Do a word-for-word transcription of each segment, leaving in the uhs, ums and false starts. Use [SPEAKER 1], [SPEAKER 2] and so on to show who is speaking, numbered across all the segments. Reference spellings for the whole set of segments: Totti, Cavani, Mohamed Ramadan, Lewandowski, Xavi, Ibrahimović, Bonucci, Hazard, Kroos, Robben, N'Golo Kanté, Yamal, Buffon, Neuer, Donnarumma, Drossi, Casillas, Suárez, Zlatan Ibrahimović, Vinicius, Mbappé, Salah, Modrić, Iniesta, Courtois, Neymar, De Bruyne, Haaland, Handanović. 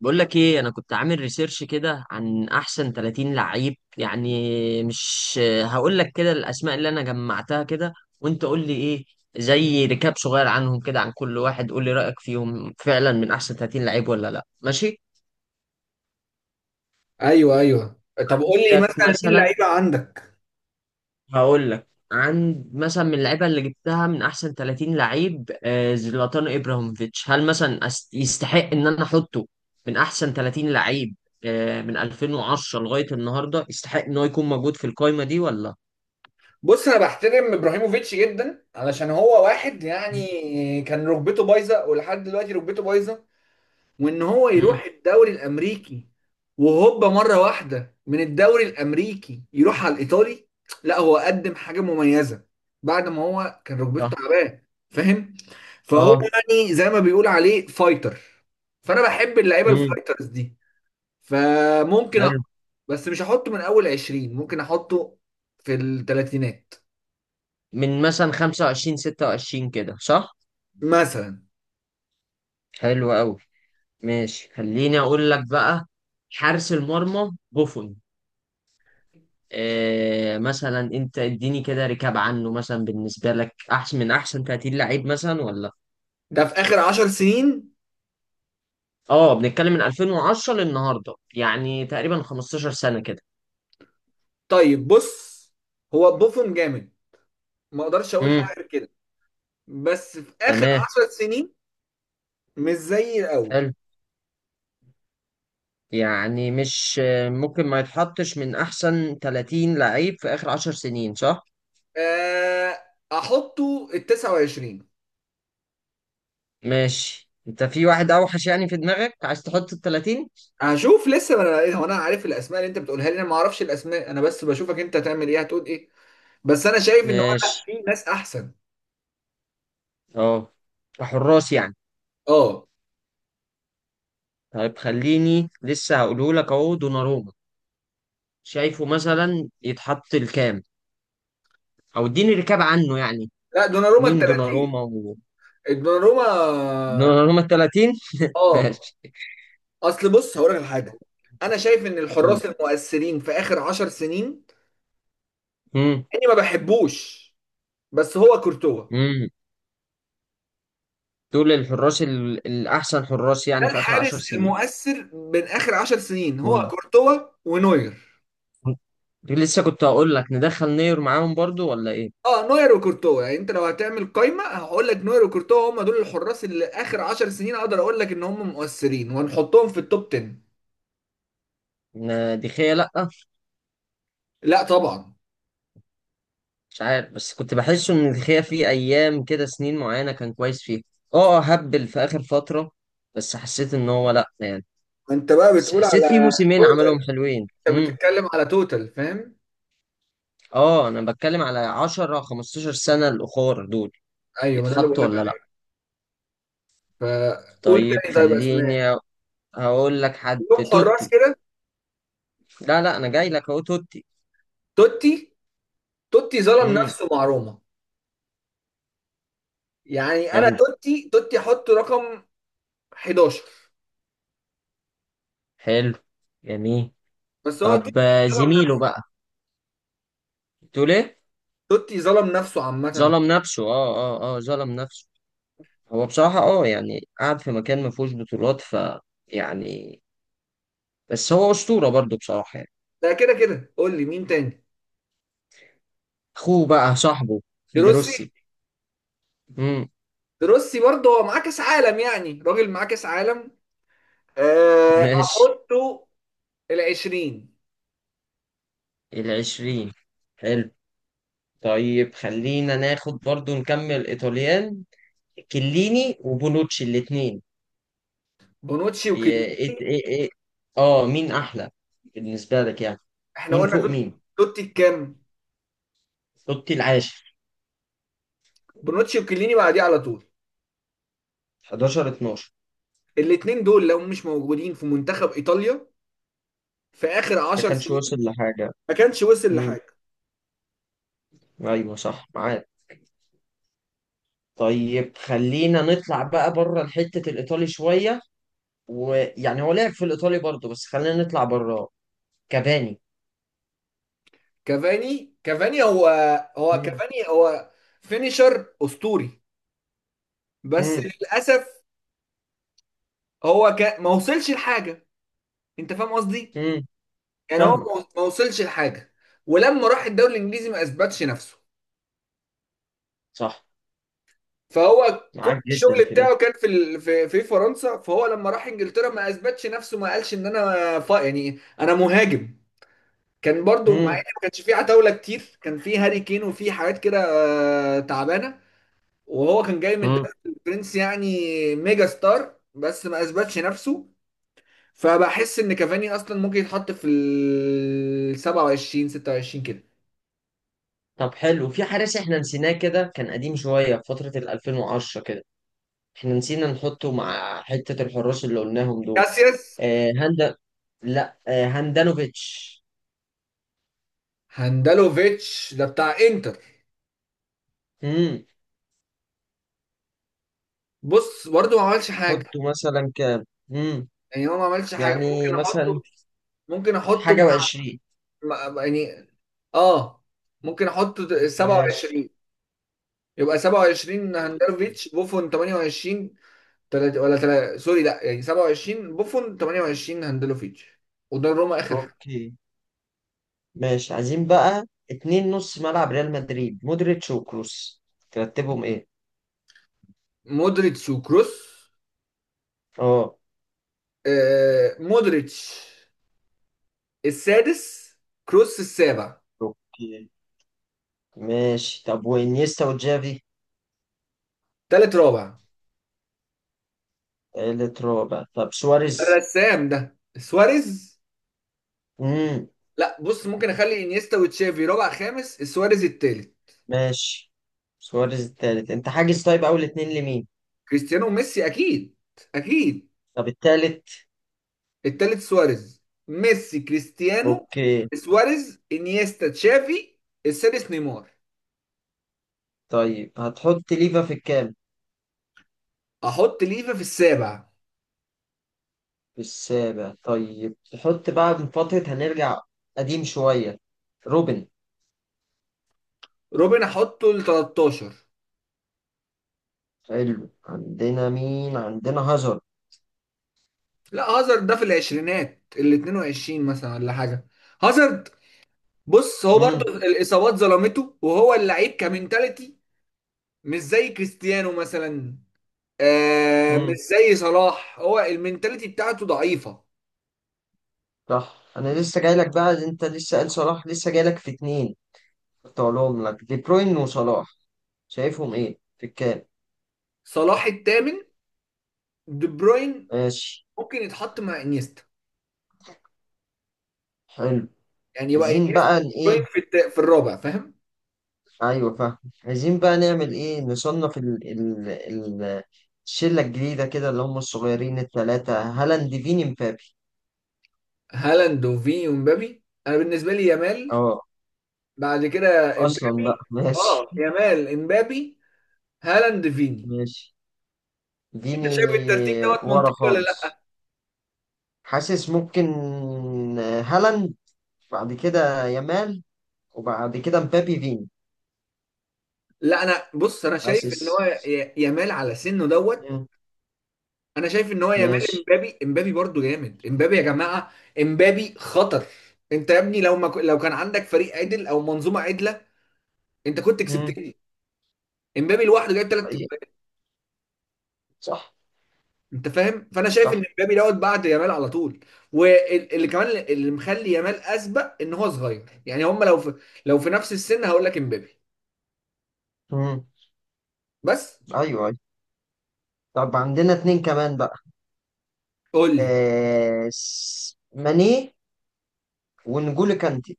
[SPEAKER 1] بقول لك ايه، انا كنت عامل ريسيرش كده عن احسن ثلاثين لعيب. يعني مش هقول لك كده الاسماء اللي انا جمعتها كده، وانت قول لي ايه، زي ركاب صغير عنهم كده عن كل واحد. قول لي رايك فيهم، فعلا من احسن ثلاثين لعيب ولا لا؟ ماشي،
[SPEAKER 2] ايوه، ايوه. طب قول لي
[SPEAKER 1] عندك
[SPEAKER 2] مثلا مين
[SPEAKER 1] مثلا.
[SPEAKER 2] اللعيبه عندك؟
[SPEAKER 1] هقول لك عند مثلا من اللعيبه اللي جبتها من احسن ثلاثين لعيب، آه، زلاتان ابراهيموفيتش هل مثلا أس- يستحق ان انا احطه من احسن ثلاثين لعيب؟ آه، من الفين وعشرة لغايه النهارده يستحق ان هو يكون موجود في القايمه دي ولا؟
[SPEAKER 2] بص، انا بحترم ابراهيموفيتش جدا علشان هو واحد يعني كان ركبته بايظه، ولحد دلوقتي ركبته بايظه، وان هو
[SPEAKER 1] امم
[SPEAKER 2] يروح الدوري الامريكي وهوبا مره واحده من الدوري الامريكي يروح على الايطالي. لا، هو قدم حاجه مميزه بعد ما هو كان ركبته
[SPEAKER 1] صح.
[SPEAKER 2] تعبان. فاهم. فهو
[SPEAKER 1] اه.
[SPEAKER 2] يعني زي ما بيقول عليه فايتر، فانا بحب اللعيبه
[SPEAKER 1] امم
[SPEAKER 2] الفايترز دي. فممكن أ...
[SPEAKER 1] حلو.
[SPEAKER 2] بس مش هحطه من اول عشرين، ممكن احطه في الثلاثينات
[SPEAKER 1] من مثلا خمسة وعشرين ستة وعشرين كده، صح.
[SPEAKER 2] مثلا.
[SPEAKER 1] حلو قوي. ماشي، خليني اقول لك بقى. حارس المرمى بوفون، آه، مثلا انت اديني كده ركاب عنه مثلا، بالنسبه لك احسن من احسن ثلاثين لعيب مثلا ولا؟
[SPEAKER 2] ده في اخر عشر سنين.
[SPEAKER 1] اه، بنتكلم من الفين وعشرة للنهارده، يعني تقريبا خمسة عشر سنه كده.
[SPEAKER 2] طيب بص، هو بوفون جامد، ما اقدرش اقول
[SPEAKER 1] امم
[SPEAKER 2] حاجه غير كده. بس في اخر
[SPEAKER 1] تمام.
[SPEAKER 2] عشر سنين مش زي الاول.
[SPEAKER 1] حلو. يعني مش، آه، ممكن ما يتحطش من احسن ثلاثين لعيب في اخر عشر سنين، صح؟
[SPEAKER 2] آه، احطه ال تسعة وعشرين.
[SPEAKER 1] ماشي. انت في واحد اوحش يعني في دماغك عايز تحط ال ثلاثين؟
[SPEAKER 2] هشوف، لسه ما انا إيه، هو انا عارف الاسماء اللي انت بتقولها لي؟ انا ما اعرفش الاسماء، انا بس بشوفك انت هتعمل ايه، هتقول ايه. بس انا شايف ان هو لا،
[SPEAKER 1] ماشي.
[SPEAKER 2] في ناس احسن.
[SPEAKER 1] اه، حراس يعني.
[SPEAKER 2] اه.
[SPEAKER 1] طيب خليني لسه هقوله لك، اهو دوناروما. شايفه مثلا يتحط الكام؟ او اديني ركاب عنه يعني.
[SPEAKER 2] لا، دوناروما ال
[SPEAKER 1] مين
[SPEAKER 2] تلاتين.
[SPEAKER 1] دوناروما و...
[SPEAKER 2] دوناروما.
[SPEAKER 1] دوناروما ال ثلاثين؟
[SPEAKER 2] اه.
[SPEAKER 1] ماشي.
[SPEAKER 2] اصل بص هقول لك على حاجه، انا شايف ان
[SPEAKER 1] قول.
[SPEAKER 2] الحراس المؤثرين في اخر عشر سنين
[SPEAKER 1] امم
[SPEAKER 2] اني ما بحبوش. بس هو كورتوا.
[SPEAKER 1] امم دول الحراس ال... الاحسن حراس
[SPEAKER 2] ده
[SPEAKER 1] يعني في اخر عشر
[SPEAKER 2] الحارس
[SPEAKER 1] سنين.
[SPEAKER 2] المؤثر من اخر عشر سنين هو
[SPEAKER 1] امم
[SPEAKER 2] كورتوا ونوير.
[SPEAKER 1] لسه كنت هقول لك ندخل نير معاهم برضو ولا ايه؟
[SPEAKER 2] اه، نوير وكورتوا، يعني انت لو هتعمل قايمه هقول لك نوير وكورتوا هم دول الحراس اللي اخر عشر سنين اقدر اقول لك ان هم مؤثرين وهنحطهم في التوب عشرة.
[SPEAKER 1] ن- دخية لأ.
[SPEAKER 2] لا طبعا.
[SPEAKER 1] مش عارف، بس كنت بحس ان دخية في ايام كده سنين معينة كان كويس فيها. اه، آه، هبل في اخر فترة. بس حسيت ان هو لأ يعني.
[SPEAKER 2] انت بقى
[SPEAKER 1] بس
[SPEAKER 2] بتقول
[SPEAKER 1] حسيت في
[SPEAKER 2] على
[SPEAKER 1] موسمين عملهم
[SPEAKER 2] توتال.
[SPEAKER 1] حلوين.
[SPEAKER 2] انت بتتكلم على توتال، فاهم.
[SPEAKER 1] اه، انا بتكلم على عشرة خمستاشر سنة الاخر دول،
[SPEAKER 2] ايوه، ما ده اللي
[SPEAKER 1] يتحطوا
[SPEAKER 2] بقول.
[SPEAKER 1] ولا لا؟
[SPEAKER 2] فقول
[SPEAKER 1] طيب
[SPEAKER 2] تاني، طيب، اسماء
[SPEAKER 1] خليني هقول لك حد،
[SPEAKER 2] يوم حراس
[SPEAKER 1] توتي.
[SPEAKER 2] كده.
[SPEAKER 1] لا لا، انا جاي لك اهو توتي.
[SPEAKER 2] توتي. توتي ظلم
[SPEAKER 1] امم
[SPEAKER 2] نفسه مع روما. يعني انا
[SPEAKER 1] حلو.
[SPEAKER 2] توتي توتي حطه رقم حداشر.
[SPEAKER 1] حلو. جميل.
[SPEAKER 2] بس هو
[SPEAKER 1] طب،
[SPEAKER 2] توتي
[SPEAKER 1] آه،
[SPEAKER 2] ظلم
[SPEAKER 1] زميله
[SPEAKER 2] نفسه.
[SPEAKER 1] بقى تقول ايه؟
[SPEAKER 2] توتي ظلم نفسه عامة.
[SPEAKER 1] ظلم نفسه، اه اه اه، ظلم نفسه. هو بصراحة اه، يعني قاعد في مكان ما فيهوش بطولات، ف، يعني، بس هو اسطورة برضو بصراحة يعني.
[SPEAKER 2] ده كده كده، قول لي مين تاني.
[SPEAKER 1] اخوه بقى صاحبه،
[SPEAKER 2] دروسي.
[SPEAKER 1] دروسي. امم
[SPEAKER 2] دروسي برضه هو معاه كاس عالم، يعني راجل معاه كاس عالم. أه،
[SPEAKER 1] ماشي.
[SPEAKER 2] احطه ال عشرين.
[SPEAKER 1] العشرين. حلو. طيب خلينا ناخد برضو نكمل ايطاليان، كليني وبونوتشي الاثنين.
[SPEAKER 2] بونوتشي
[SPEAKER 1] ايه
[SPEAKER 2] وكليني.
[SPEAKER 1] ايه ايه إيه. اه، مين احلى بالنسبه لك يعني؟
[SPEAKER 2] احنا
[SPEAKER 1] مين
[SPEAKER 2] قلنا
[SPEAKER 1] فوق
[SPEAKER 2] توتي.
[SPEAKER 1] مين؟
[SPEAKER 2] توتي كام؟
[SPEAKER 1] توتي العاشر،
[SPEAKER 2] بونوتشي وكليني بعديه على طول.
[SPEAKER 1] حداشر اثنا عشر.
[SPEAKER 2] الاتنين دول لو مش موجودين في منتخب ايطاليا في اخر
[SPEAKER 1] ما
[SPEAKER 2] عشر
[SPEAKER 1] كانش وصل لحاجه.
[SPEAKER 2] ما كانش وصل
[SPEAKER 1] امم
[SPEAKER 2] لحاجه.
[SPEAKER 1] ايوه، صح، معاك. طيب خلينا نطلع بقى بره الحته الايطالي شويه، ويعني هو لعب في الايطالي برضو بس خلينا نطلع بره. كافاني.
[SPEAKER 2] كافاني كافاني هو هو
[SPEAKER 1] امم
[SPEAKER 2] كافاني هو فينيشر اسطوري. بس
[SPEAKER 1] امم
[SPEAKER 2] للاسف هو ك... ما وصلش لحاجه. انت فاهم قصدي.
[SPEAKER 1] امم
[SPEAKER 2] يعني هو
[SPEAKER 1] فاهمك.
[SPEAKER 2] ما ما وصلش لحاجه. ولما راح الدوري الانجليزي ما اثبتش نفسه.
[SPEAKER 1] صح.
[SPEAKER 2] فهو كل
[SPEAKER 1] معاك جدا
[SPEAKER 2] الشغل
[SPEAKER 1] في دي.
[SPEAKER 2] بتاعه كان في ال... في في فرنسا. فهو لما راح انجلترا ما اثبتش نفسه، ما قالش ان انا ف... يعني انا مهاجم. كان برضو، مع ان ما كانش فيه عتاوله كتير، كان فيه هاري كين وفيه حاجات كده آه، تعبانه. وهو كان جاي من
[SPEAKER 1] امم
[SPEAKER 2] دوري البرنس يعني، ميجا ستار، بس ما اثبتش نفسه. فبحس ان كافاني اصلا ممكن يتحط في ال سبعة وعشرين ستة وعشرين كده.
[SPEAKER 1] طب، حلو، في حارس احنا نسيناه، كده كان قديم شوية في فترة ال الفين وعشرة كده. احنا نسينا نحطه مع حتة الحراس اللي قلناهم دول.
[SPEAKER 2] كاسياس.
[SPEAKER 1] آه هندا، لا، آه هاندانوفيتش.
[SPEAKER 2] هاندالوفيتش ده بتاع انتر.
[SPEAKER 1] امم
[SPEAKER 2] بص برضه ما عملش حاجه.
[SPEAKER 1] حطه مثلا كام؟ امم
[SPEAKER 2] يعني هو ما عملش حاجه.
[SPEAKER 1] يعني
[SPEAKER 2] ممكن
[SPEAKER 1] مثلا
[SPEAKER 2] احطه ممكن احطه
[SPEAKER 1] حاجة وعشرين.
[SPEAKER 2] مع- مع- يعني، اه، ممكن احطه
[SPEAKER 1] ماشي.
[SPEAKER 2] سبعة وعشرين. يبقى سبعة وعشرين هاندالوفيتش، بوفون ثمانية وعشرين. تلاتة ولا تلاتة سوري، لا يعني سبعة وعشرين بوفون ثمانية وعشرين هاندلوفيتش، قدام روما اخر حاجه.
[SPEAKER 1] اوكي. ماشي. عايزين بقى اتنين نص ملعب ريال مدريد، مودريتش وكروس، ترتبهم ايه؟
[SPEAKER 2] مودريتش وكروس.
[SPEAKER 1] اه.
[SPEAKER 2] آه مودريتش السادس، كروس السابع.
[SPEAKER 1] اوكي. ماشي، طب وانيستا وجافي؟
[SPEAKER 2] تالت رابع.
[SPEAKER 1] تالت رابع؟ طب سواريز؟
[SPEAKER 2] الرسام ده سواريز.
[SPEAKER 1] امم
[SPEAKER 2] لا بص، ممكن اخلي انيستا وتشافي رابع خامس، سواريز التالت.
[SPEAKER 1] ماشي. سواريز التالت، انت حاجز. طيب اول اتنين لمين؟
[SPEAKER 2] كريستيانو وميسي اكيد، اكيد.
[SPEAKER 1] طب التالت؟
[SPEAKER 2] التالت سواريز، ميسي كريستيانو.
[SPEAKER 1] اوكي.
[SPEAKER 2] سواريز انيستا تشافي. السادس نيمار.
[SPEAKER 1] طيب هتحط ليفا في الكام؟
[SPEAKER 2] احط ليفا في السابع.
[SPEAKER 1] في السابع. طيب تحط بقى من فترة، هنرجع قديم شوية، روبن.
[SPEAKER 2] روبن احطه ل تلتاشر.
[SPEAKER 1] حلو. عندنا مين؟ عندنا هازارد.
[SPEAKER 2] لا هازارد ده في العشرينات، ال اتنين وعشرين مثلا ولا حاجه. هازارد، بص هو برضه
[SPEAKER 1] امم
[SPEAKER 2] الاصابات ظلمته وهو اللعيب كمنتاليتي مش زي كريستيانو مثلا، آه مش
[SPEAKER 1] امم
[SPEAKER 2] زي صلاح، هو المنتاليتي بتاعته ضعيفه.
[SPEAKER 1] صح. انا لسه جاي لك بقى، انت لسه قال صلاح، لسه جاي لك في اتنين كنت هقولهم لك، دي بروين وصلاح. شايفهم ايه في الكام؟
[SPEAKER 2] صلاح الثامن. دي بروين
[SPEAKER 1] ماشي.
[SPEAKER 2] ممكن يتحط مع انيستا،
[SPEAKER 1] حلو.
[SPEAKER 2] يعني يبقى
[SPEAKER 1] عايزين
[SPEAKER 2] انيستا
[SPEAKER 1] بقى ن-
[SPEAKER 2] دي
[SPEAKER 1] ايه،
[SPEAKER 2] بروين في الت- في الرابع، فاهم.
[SPEAKER 1] ايوه فاهم. عايزين بقى نعمل ايه، نصنف ال ال ال الشله الجديده كده اللي هم الصغيرين الثلاثه، هالاند فيني مبابي.
[SPEAKER 2] هالاند وفيني ومبابي، انا بالنسبه لي يامال،
[SPEAKER 1] اه.
[SPEAKER 2] بعد كده
[SPEAKER 1] اصلا بقى
[SPEAKER 2] امبابي.
[SPEAKER 1] ماشي.
[SPEAKER 2] اه، يامال، امبابي، هالاند، فيني.
[SPEAKER 1] ماشي. فيني
[SPEAKER 2] انت شايف الترتيب دوت
[SPEAKER 1] ورا
[SPEAKER 2] منطقي ولا لا؟
[SPEAKER 1] خالص؟ حاسس ممكن هالاند، بعد كده يامال، وبعد كده مبابي فيني.
[SPEAKER 2] لا انا بص، انا شايف
[SPEAKER 1] حاسس.
[SPEAKER 2] ان هو ي- يامال على سنه دوت.
[SPEAKER 1] مم.
[SPEAKER 2] انا شايف ان هو يامال
[SPEAKER 1] ماشي.
[SPEAKER 2] امبابي، امبابي برضو جامد، امبابي يا جماعه. امبابي خطر. انت يا ابني لو ما ك... لو كان عندك فريق عدل او منظومه عدله، انت كنت
[SPEAKER 1] مم.
[SPEAKER 2] كسبتني. امبابي لوحده جايب ثلاث
[SPEAKER 1] حقيقي.
[SPEAKER 2] اجوان.
[SPEAKER 1] صح.
[SPEAKER 2] انت فاهم، فانا شايف
[SPEAKER 1] صح.
[SPEAKER 2] ان امبابي دوت بعد يامال على طول. واللي كمان اللي مخلي يامال اسبق ان هو صغير، يعني هم لو في... لو في نفس السن هقول لك امبابي.
[SPEAKER 1] مم.
[SPEAKER 2] بس
[SPEAKER 1] ايوه أيوة. طب عندنا اتنين كمان بقى،
[SPEAKER 2] قول لي.
[SPEAKER 1] آه، س- ماني ونجولو كانتي.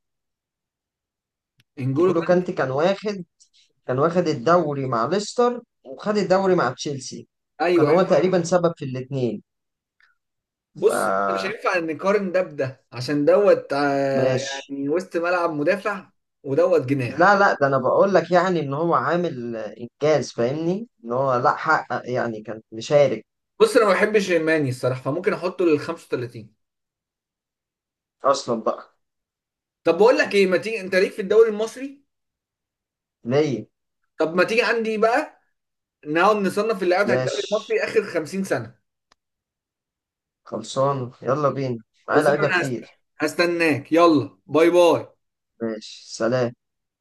[SPEAKER 2] انجولو
[SPEAKER 1] نجولو
[SPEAKER 2] كان.
[SPEAKER 1] كانتي كان واخد، كان واخد الدوري مع ليستر وخد الدوري مع تشيلسي، كان
[SPEAKER 2] ايوه،
[SPEAKER 1] هو
[SPEAKER 2] ايوه.
[SPEAKER 1] تقريبا سبب في الاتنين. ف،
[SPEAKER 2] بص مش هينفع نقارن ده بده عشان دوت، آه،
[SPEAKER 1] ماشي.
[SPEAKER 2] يعني وسط ملعب مدافع ودوت جناح.
[SPEAKER 1] لا لا، ده انا بقول لك يعني ان هو عامل انجاز، فاهمني ان هو لا حقق يعني، كان مشارك.
[SPEAKER 2] بص انا ما بحبش ماني الصراحه، فممكن احطه لل خمسة وتلاتين.
[SPEAKER 1] اصلا بقى.
[SPEAKER 2] طب بقول لك ايه، ما تيجي انت ليك في الدوري المصري.
[SPEAKER 1] ليه؟
[SPEAKER 2] طب ما تيجي عندي بقى نقعد نصنف اللعيبه بتاعت الدوري
[SPEAKER 1] ماشي،
[SPEAKER 2] المصري اخر خمسين سنه.
[SPEAKER 1] خلصان يلا بينا، معايا
[SPEAKER 2] خلاص، انا
[SPEAKER 1] لعيبه
[SPEAKER 2] هست-
[SPEAKER 1] كتير.
[SPEAKER 2] هستناك، يلا باي باي.
[SPEAKER 1] ماشي، سلام.